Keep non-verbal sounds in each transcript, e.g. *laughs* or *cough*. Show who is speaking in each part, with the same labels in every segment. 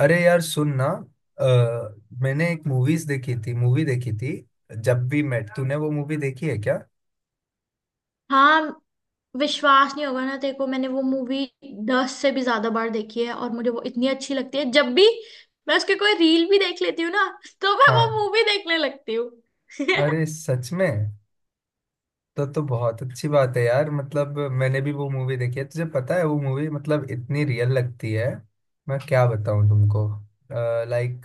Speaker 1: अरे यार सुन ना। अ, मैंने एक मूवीज देखी थी, मूवी देखी थी। जब भी मेट, तूने वो मूवी देखी है क्या?
Speaker 2: हाँ। विश्वास नहीं होगा ना तेरे को, मैंने वो मूवी 10 से भी ज्यादा बार देखी है और मुझे वो इतनी अच्छी लगती है, जब भी मैं उसके कोई रील भी देख लेती हूँ ना तो मैं वो
Speaker 1: हाँ।
Speaker 2: मूवी देखने लगती हूँ।
Speaker 1: अरे
Speaker 2: *laughs*
Speaker 1: सच में? तो बहुत अच्छी बात है यार, मतलब मैंने भी वो मूवी देखी है। तुझे पता है वो मूवी मतलब इतनी रियल लगती है। मैं क्या बताऊं तुमको? लाइक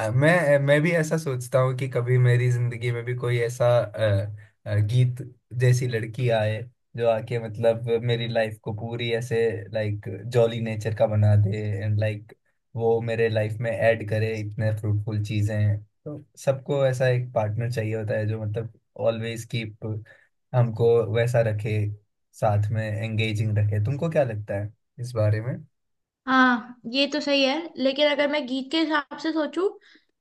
Speaker 1: मैं भी ऐसा सोचता हूँ कि कभी मेरी जिंदगी में भी कोई ऐसा गीत जैसी लड़की आए, जो आके मतलब मेरी लाइफ को पूरी ऐसे लाइक जॉली नेचर का बना दे। एंड लाइक वो मेरे लाइफ में ऐड करे इतने फ्रूटफुल चीजें। तो सबको ऐसा एक पार्टनर चाहिए होता है जो मतलब ऑलवेज कीप हमको वैसा रखे, साथ में एंगेजिंग रखे। तुमको क्या लगता है इस बारे में?
Speaker 2: हाँ, ये तो सही है लेकिन अगर मैं गीत के हिसाब से सोचूं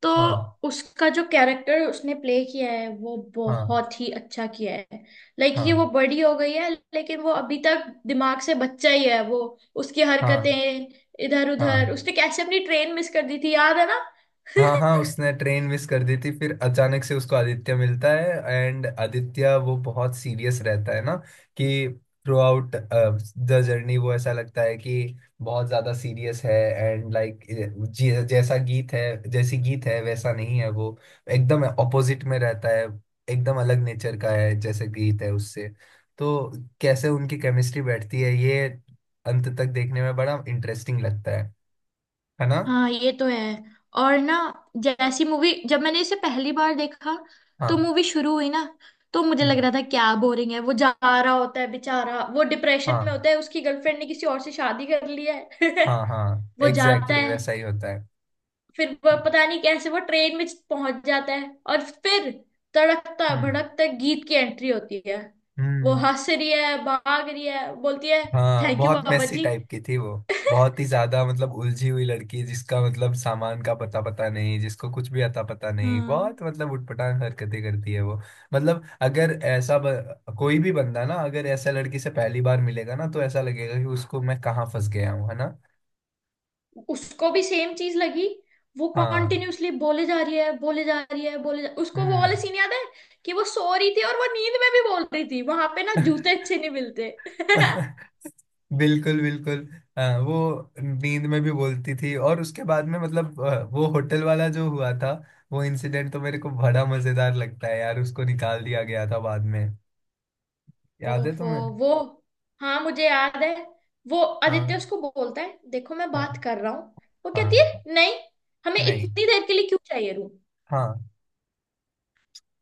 Speaker 2: तो
Speaker 1: हाँ।
Speaker 2: उसका जो कैरेक्टर उसने प्ले किया है वो
Speaker 1: हाँ।
Speaker 2: बहुत ही अच्छा किया है। लाइक
Speaker 1: हाँ।
Speaker 2: ये वो बड़ी हो गई है लेकिन वो अभी तक दिमाग से बच्चा ही है वो। उसकी
Speaker 1: हाँ।
Speaker 2: हरकतें इधर उधर,
Speaker 1: हाँ।
Speaker 2: उसने कैसे अपनी ट्रेन मिस कर दी थी, याद है ना?
Speaker 1: हाँ।
Speaker 2: *laughs*
Speaker 1: हाँ, उसने ट्रेन मिस कर दी थी, फिर अचानक से उसको आदित्य मिलता है। एंड आदित्य वो बहुत सीरियस रहता है ना, कि थ्रू आउट द जर्नी वो ऐसा लगता है कि बहुत ज्यादा सीरियस है। एंड लाइक जैसा गीत है, जैसी गीत है वैसा नहीं है वो। एकदम ऑपोजिट में रहता है। एकदम अलग नेचर का है जैसे गीत है उससे। तो कैसे उनकी केमिस्ट्री बैठती है, ये अंत तक देखने में बड़ा इंटरेस्टिंग लगता है ना?
Speaker 2: हाँ, ये तो है। और ना, जैसी मूवी, जब मैंने इसे पहली बार देखा तो
Speaker 1: हाँ।
Speaker 2: मूवी शुरू हुई ना, तो मुझे लग
Speaker 1: हम्म।
Speaker 2: रहा था क्या बोरिंग है। वो जा रहा होता है बेचारा, वो डिप्रेशन में
Speaker 1: हाँ।
Speaker 2: होता है, उसकी गर्लफ्रेंड ने किसी और से शादी कर ली है।
Speaker 1: हाँ। हाँ।
Speaker 2: *laughs* वो
Speaker 1: एग्जैक्टली
Speaker 2: जाता
Speaker 1: exactly
Speaker 2: है,
Speaker 1: वैसा ही होता है।
Speaker 2: फिर वो पता नहीं कैसे वो ट्रेन में पहुंच जाता है और फिर तड़कता
Speaker 1: हम्म।
Speaker 2: भड़कता गीत की एंट्री होती है। वो
Speaker 1: हम्म।
Speaker 2: हंस रही है, भाग रही है, बोलती है
Speaker 1: हाँ,
Speaker 2: थैंक यू
Speaker 1: बहुत
Speaker 2: बाबा
Speaker 1: मेसी
Speaker 2: जी।
Speaker 1: टाइप की थी वो। बहुत ही ज्यादा,
Speaker 2: *laughs*
Speaker 1: मतलब उलझी हुई लड़की, जिसका मतलब सामान का पता पता नहीं, जिसको कुछ भी अता पता नहीं,
Speaker 2: हाँ,
Speaker 1: बहुत मतलब उटपटांग हरकतें करती है वो। मतलब अगर ऐसा कोई भी बंदा ना, अगर ऐसा लड़की से पहली बार मिलेगा ना तो ऐसा लगेगा कि उसको, मैं कहाँ फंस गया हूँ, है ना?
Speaker 2: उसको भी सेम चीज लगी। वो
Speaker 1: हाँ।
Speaker 2: कॉन्टिन्यूसली बोले जा रही है, बोले जा रही है, उसको वो वाला
Speaker 1: हम्म।
Speaker 2: सीन याद है कि वो सो रही थी और वो नींद में भी बोल रही थी, वहां पे ना जूते अच्छे नहीं मिलते। *laughs*
Speaker 1: *laughs* बिल्कुल बिल्कुल। हाँ, वो नींद में भी बोलती थी और उसके बाद में मतलब वो होटल वाला जो हुआ था, वो इंसिडेंट तो मेरे को बड़ा मजेदार लगता है यार, उसको निकाल दिया गया था बाद में। याद है
Speaker 2: ओफो,
Speaker 1: तुम्हें?
Speaker 2: वो हाँ, मुझे याद है। वो आदित्य
Speaker 1: हाँ।
Speaker 2: उसको बोलता है देखो मैं
Speaker 1: हाँ।
Speaker 2: बात कर रहा हूँ। वो कहती
Speaker 1: हाँ।
Speaker 2: है नहीं, हमें
Speaker 1: नहीं।
Speaker 2: इतनी देर के लिए क्यों चाहिए रूम।
Speaker 1: हाँ।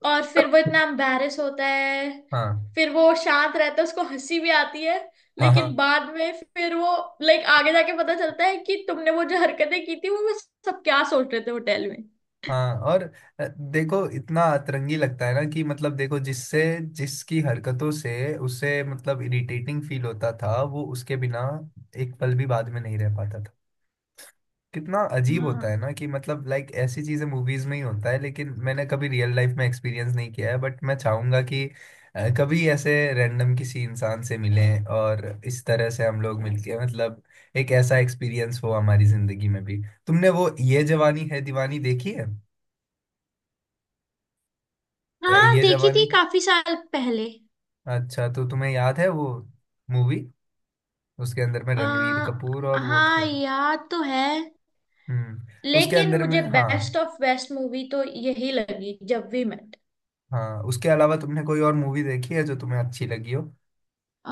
Speaker 2: और फिर वो इतना एम्बैरेस होता है।
Speaker 1: हाँ।
Speaker 2: फिर वो शांत रहता है, उसको हंसी भी आती है।
Speaker 1: हाँ। हाँ।
Speaker 2: लेकिन बाद में फिर वो, लाइक आगे जाके पता चलता है कि तुमने वो जो हरकतें की थी, वो सब क्या सोच रहे थे होटल में।
Speaker 1: हाँ। और अ, देखो इतना अतरंगी लगता है ना कि मतलब देखो जिससे जिसकी हरकतों से उसे मतलब इरिटेटिंग फील होता था, वो उसके बिना एक पल भी बाद में नहीं रह पाता था। कितना अजीब होता है
Speaker 2: हाँ,
Speaker 1: ना कि मतलब लाइक ऐसी चीजें मूवीज में ही होता है, लेकिन मैंने कभी रियल लाइफ में एक्सपीरियंस नहीं किया है, बट मैं चाहूंगा कि कभी ऐसे रैंडम किसी इंसान से मिलें और इस तरह से हम लोग मिलके, मतलब एक ऐसा एक्सपीरियंस हो हमारी जिंदगी में भी। तुमने वो ये जवानी है दीवानी देखी है?
Speaker 2: हाँ,
Speaker 1: ये
Speaker 2: देखी थी
Speaker 1: जवानी।
Speaker 2: काफी साल पहले।
Speaker 1: अच्छा तो तुम्हें याद है वो मूवी, उसके अंदर में
Speaker 2: आ,
Speaker 1: रणवीर कपूर और वो
Speaker 2: हाँ,
Speaker 1: थे।
Speaker 2: याद तो है,
Speaker 1: हम्म। उसके
Speaker 2: लेकिन
Speaker 1: अंदर में,
Speaker 2: मुझे
Speaker 1: हाँ।
Speaker 2: बेस्ट ऑफ बेस्ट मूवी तो यही लगी, जब वी मेट।
Speaker 1: हाँ, उसके अलावा तुमने कोई और मूवी देखी है जो तुम्हें अच्छी लगी हो?
Speaker 2: अ,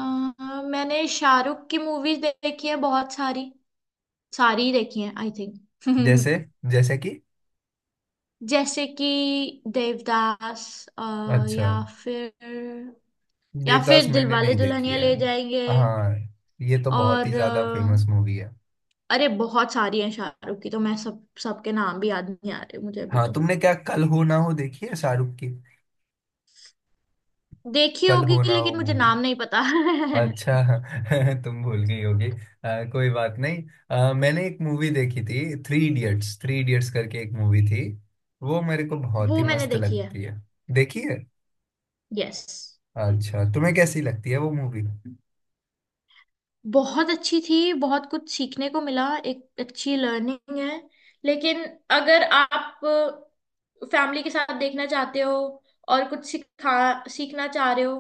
Speaker 2: मैंने शाहरुख की मूवीज देखी है बहुत सारी। सारी ही देखी है आई थिंक।
Speaker 1: जैसे
Speaker 2: *laughs*
Speaker 1: जैसे कि?
Speaker 2: जैसे कि देवदास,
Speaker 1: अच्छा।
Speaker 2: या फिर, या
Speaker 1: देवदास
Speaker 2: फिर
Speaker 1: मैंने
Speaker 2: दिलवाले
Speaker 1: नहीं देखी
Speaker 2: दुल्हनिया
Speaker 1: है।
Speaker 2: ले जाएंगे।
Speaker 1: हाँ, ये तो बहुत ही
Speaker 2: और
Speaker 1: ज्यादा फेमस मूवी है।
Speaker 2: अरे, बहुत सारी हैं शाहरुख की, तो मैं सब सबके नाम भी याद नहीं आ रहे मुझे अभी
Speaker 1: हाँ,
Speaker 2: तो।
Speaker 1: तुमने क्या कल हो ना हो देखी है शाहरुख की?
Speaker 2: देखी
Speaker 1: कल
Speaker 2: होगी,
Speaker 1: हो ना हो
Speaker 2: लेकिन मुझे
Speaker 1: मूवी।
Speaker 2: नाम नहीं पता।
Speaker 1: अच्छा।
Speaker 2: *laughs*
Speaker 1: *laughs* तुम भूल गई होगी, कोई बात नहीं। मैंने एक मूवी देखी थी, थ्री इडियट्स, थ्री इडियट्स करके एक मूवी थी। वो मेरे को बहुत
Speaker 2: वो
Speaker 1: ही
Speaker 2: मैंने
Speaker 1: मस्त
Speaker 2: देखी है।
Speaker 1: लगती है। देखी है?
Speaker 2: यस।
Speaker 1: अच्छा तुम्हें कैसी लगती है वो मूवी?
Speaker 2: बहुत अच्छी थी, बहुत कुछ सीखने को मिला, एक अच्छी लर्निंग है। लेकिन अगर आप फैमिली के साथ देखना चाहते हो और कुछ सिखा सीखना चाह रहे हो,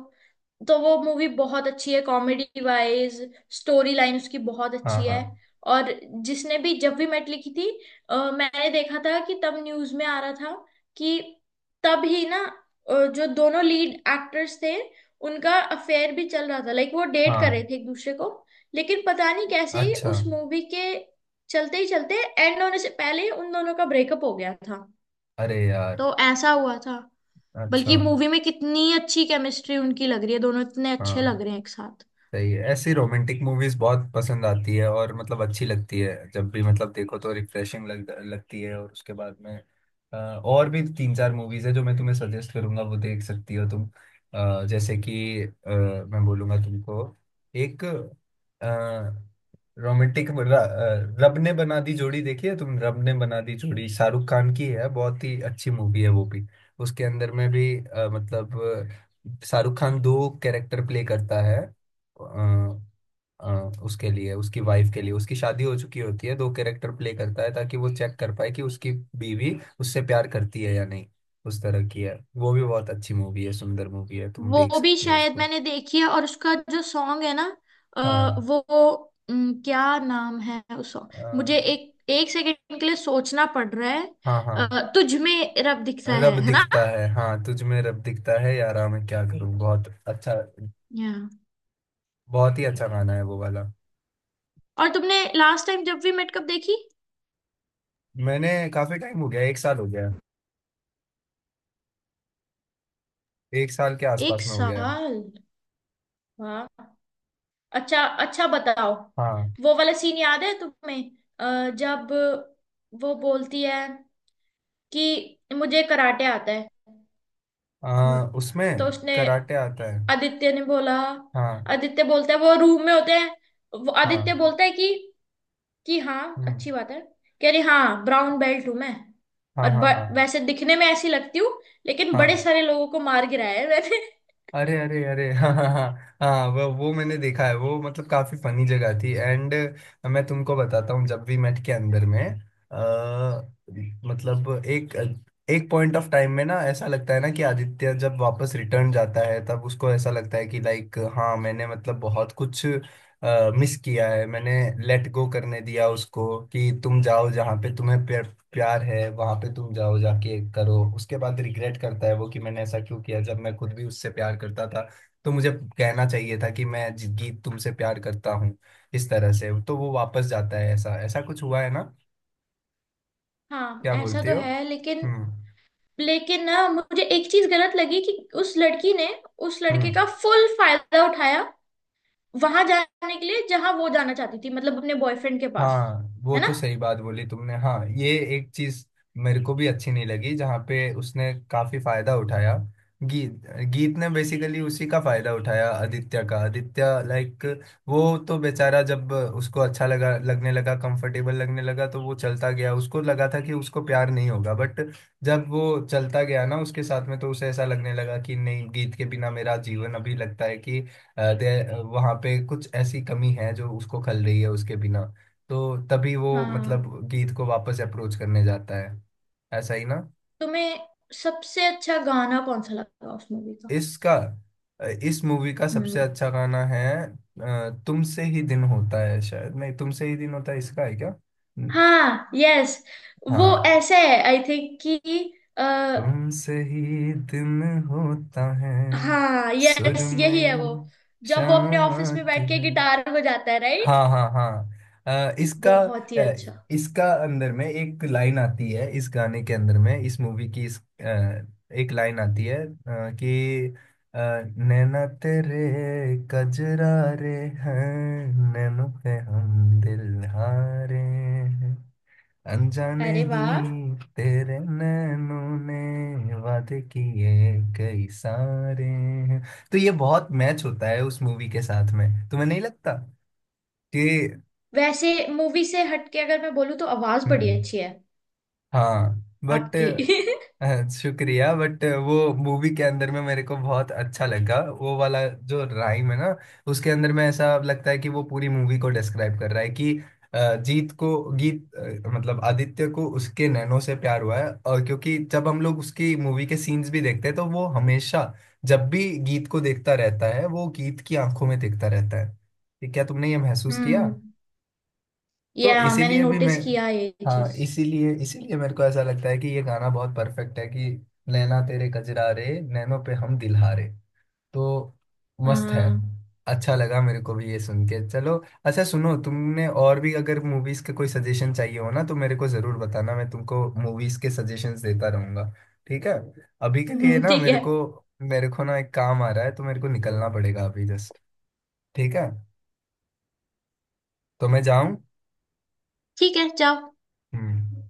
Speaker 2: तो वो मूवी बहुत अच्छी है कॉमेडी वाइज। स्टोरी लाइन उसकी बहुत
Speaker 1: हाँ।
Speaker 2: अच्छी है।
Speaker 1: हाँ।
Speaker 2: और जिसने भी, जब भी मैट लिखी थी, मैंने देखा था कि तब न्यूज में आ रहा था कि तब ही ना, जो दोनों लीड एक्टर्स थे, उनका अफेयर भी चल रहा था, लाइक वो डेट कर
Speaker 1: हाँ।
Speaker 2: रहे थे एक दूसरे को। लेकिन पता नहीं कैसे ही
Speaker 1: अच्छा।
Speaker 2: उस मूवी के चलते ही चलते, एंड होने से पहले ही उन दोनों का ब्रेकअप हो गया था।
Speaker 1: अरे यार।
Speaker 2: तो ऐसा हुआ था।
Speaker 1: अच्छा।
Speaker 2: बल्कि मूवी में कितनी अच्छी केमिस्ट्री उनकी लग रही है, दोनों इतने अच्छे लग
Speaker 1: हाँ।
Speaker 2: रहे हैं एक साथ।
Speaker 1: सही है, ऐसी रोमांटिक मूवीज बहुत पसंद आती है और मतलब अच्छी लगती है जब भी मतलब देखो तो रिफ्रेशिंग लगती है। और उसके बाद में और भी तीन चार मूवीज है जो मैं तुम्हें सजेस्ट करूंगा, वो देख सकती हो तुम। जैसे कि मैं बोलूंगा तुमको, एक रोमांटिक, रब ने बना दी जोड़ी देखी है तुम? रब ने बना दी जोड़ी शाहरुख खान की है, बहुत ही अच्छी मूवी है वो भी। उसके अंदर में भी मतलब शाहरुख खान दो कैरेक्टर प्ले करता है। अ, उसके लिए उसकी वाइफ के लिए, उसकी शादी हो चुकी होती है, दो कैरेक्टर प्ले करता है ताकि वो चेक कर पाए कि उसकी बीवी उससे प्यार करती है या नहीं। उस तरह की है वो भी, बहुत अच्छी मूवी है, सुंदर मूवी है, तुम देख
Speaker 2: वो भी
Speaker 1: सकते हो
Speaker 2: शायद
Speaker 1: उसको।
Speaker 2: मैंने देखी है, और उसका जो सॉन्ग है ना,
Speaker 1: हाँ।
Speaker 2: वो क्या नाम है उस सॉन्ग,
Speaker 1: अ,
Speaker 2: मुझे एक एक सेकंड के लिए सोचना पड़ रहा है।
Speaker 1: हाँ। हाँ
Speaker 2: तुझ में रब दिखता है
Speaker 1: रब
Speaker 2: है ना?
Speaker 1: दिखता है, हाँ तुझ में रब दिखता है यारा, मैं क्या करूँ, बहुत अच्छा।
Speaker 2: या?
Speaker 1: बहुत ही अच्छा गाना है वो वाला।
Speaker 2: और तुमने लास्ट टाइम जब वी मेट कब देखी?
Speaker 1: मैंने काफी टाइम हो गया, एक साल हो गया है। एक साल के
Speaker 2: एक
Speaker 1: आसपास में हो गया है।
Speaker 2: साल। वाह। अच्छा, अच्छा, बताओ।
Speaker 1: हाँ।
Speaker 2: वो वाला सीन याद है तुम्हें? जब वो बोलती है कि मुझे कराटे आता है हम्म, तो
Speaker 1: उसमें
Speaker 2: उसने,
Speaker 1: कराटे आता है।
Speaker 2: आदित्य ने बोला।
Speaker 1: हाँ।
Speaker 2: आदित्य बोलता है, वो रूम में होते हैं। वो आदित्य
Speaker 1: हाँ।
Speaker 2: बोलता है कि हाँ,
Speaker 1: हम्म।
Speaker 2: अच्छी बात है। कह रही हाँ, ब्राउन बेल्ट हूं मैं।
Speaker 1: हाँ।
Speaker 2: और
Speaker 1: हाँ। हाँ।
Speaker 2: वैसे दिखने में ऐसी लगती हूँ, लेकिन बड़े
Speaker 1: हाँ।
Speaker 2: सारे लोगों को मार गिराया है मैंने।
Speaker 1: अरे अरे अरे, हाँ हाँ हाँ। हाँ वो मैंने देखा है, वो मतलब काफी फनी जगह थी एंड मैं तुमको बताता हूँ। जब भी मेट के अंदर में अ, मतलब एक एक पॉइंट ऑफ टाइम में ना ऐसा लगता है ना कि आदित्य जब वापस रिटर्न जाता है तब उसको ऐसा लगता है कि लाइक हाँ मैंने मतलब बहुत कुछ मिस किया है। मैंने लेट गो करने दिया उसको कि तुम जाओ जहाँ पे तुम्हें प्यार है वहां पे, तुम जाओ जाके करो। उसके बाद रिग्रेट करता है वो कि मैंने ऐसा क्यों किया, जब मैं खुद भी उससे प्यार करता था। तो मुझे कहना चाहिए था कि मैं जिंदगी तुमसे प्यार करता हूँ, इस तरह से। तो वो वापस जाता है, ऐसा ऐसा कुछ हुआ है ना?
Speaker 2: *laughs* हाँ,
Speaker 1: क्या
Speaker 2: ऐसा
Speaker 1: बोलते
Speaker 2: तो
Speaker 1: हो?
Speaker 2: है, लेकिन
Speaker 1: हम्म।
Speaker 2: लेकिन ना मुझे एक चीज गलत लगी कि उस लड़की ने उस लड़के
Speaker 1: हम्म।
Speaker 2: का फुल फायदा उठाया, वहां जाने के लिए जहां वो जाना चाहती थी, मतलब अपने बॉयफ्रेंड के पास।
Speaker 1: हाँ वो
Speaker 2: है ना?
Speaker 1: तो सही बात बोली तुमने, हाँ ये एक चीज मेरे को भी अच्छी नहीं लगी जहाँ पे उसने काफी फायदा उठाया। गीत गीत ने बेसिकली उसी का फायदा उठाया, आदित्य का, आदित्य लाइक वो तो बेचारा, जब उसको अच्छा लगा, लगने लगा कंफर्टेबल लगने लगा तो वो चलता गया। उसको लगा था कि उसको प्यार नहीं होगा, बट जब वो चलता गया ना उसके साथ में तो उसे ऐसा लगने लगा कि नहीं, गीत के बिना मेरा जीवन अभी लगता है कि वहाँ पे कुछ ऐसी कमी है जो उसको खल रही है उसके बिना। तो तभी वो मतलब
Speaker 2: हाँ।
Speaker 1: गीत को वापस अप्रोच करने जाता है। ऐसा ही ना?
Speaker 2: तुम्हें सबसे अच्छा गाना कौन सा लगा उस मूवी का?
Speaker 1: इसका, इस मूवी का सबसे
Speaker 2: हम्म।
Speaker 1: अच्छा गाना है तुमसे ही दिन होता है, शायद, नहीं तुमसे ही दिन होता है इसका है क्या? न-
Speaker 2: हाँ, यस। वो
Speaker 1: हाँ।
Speaker 2: ऐसे है आई थिंक कि आ,
Speaker 1: तुमसे ही दिन होता है,
Speaker 2: हाँ, यस, यही
Speaker 1: सुरमई
Speaker 2: है वो। जब वो अपने
Speaker 1: शाम
Speaker 2: ऑफिस में
Speaker 1: आती
Speaker 2: बैठ के
Speaker 1: है।
Speaker 2: गिटार बजाता है, राइट।
Speaker 1: हाँ हाँ हाँ इसका
Speaker 2: बहुत ही
Speaker 1: अ,
Speaker 2: अच्छा।
Speaker 1: इसका अंदर में एक लाइन आती है इस गाने के अंदर में, इस मूवी की इस एक लाइन आती है, कि अ, नैना तेरे कजरा रे हैं, नैनों पे हम दिल हारे हैं, अनजाने
Speaker 2: अरे
Speaker 1: ही
Speaker 2: वाह।
Speaker 1: तेरे नैनों ने वादे किए कई सारे हैं। तो ये बहुत मैच होता है उस मूवी के साथ में, तुम्हें नहीं लगता?
Speaker 2: वैसे मूवी से हटके अगर मैं बोलूँ तो आवाज बड़ी
Speaker 1: हम्म।
Speaker 2: अच्छी है
Speaker 1: हाँ बट
Speaker 2: आपकी।
Speaker 1: शुक्रिया, बट वो मूवी के अंदर में मेरे को बहुत अच्छा लगा वो वाला जो राइम है ना, उसके अंदर में ऐसा लगता है कि वो पूरी मूवी को डिस्क्राइब कर रहा है कि जीत को गीत मतलब आदित्य को उसके नैनो से प्यार हुआ है। और क्योंकि जब हम लोग उसकी मूवी के सीन्स भी देखते हैं तो वो हमेशा जब भी गीत को देखता रहता है वो गीत की आंखों में देखता रहता है। ठीक है, तुमने ये
Speaker 2: *laughs*
Speaker 1: महसूस किया?
Speaker 2: हम्म। या
Speaker 1: तो
Speaker 2: मैंने
Speaker 1: इसीलिए भी मैं,
Speaker 2: नोटिस किया ये
Speaker 1: हाँ
Speaker 2: चीज।
Speaker 1: इसीलिए इसीलिए मेरे को ऐसा लगता है कि ये गाना बहुत परफेक्ट है कि नैना तेरे कजरा रे नैनों पे हम दिलहारे, तो मस्त है।
Speaker 2: हाँ। *laughs*
Speaker 1: अच्छा लगा मेरे को भी ये सुन के। चलो अच्छा सुनो, तुमने और भी अगर मूवीज के कोई सजेशन चाहिए हो ना तो मेरे को जरूर बताना, मैं तुमको मूवीज के सजेशंस देता रहूंगा। ठीक है। अभी के लिए ना
Speaker 2: ठीक
Speaker 1: मेरे
Speaker 2: है।
Speaker 1: को, ना एक काम आ रहा है तो मेरे को निकलना पड़ेगा अभी जस्ट। ठीक है, तो मैं जाऊं।
Speaker 2: ठीक है, जाओ।
Speaker 1: हम्म।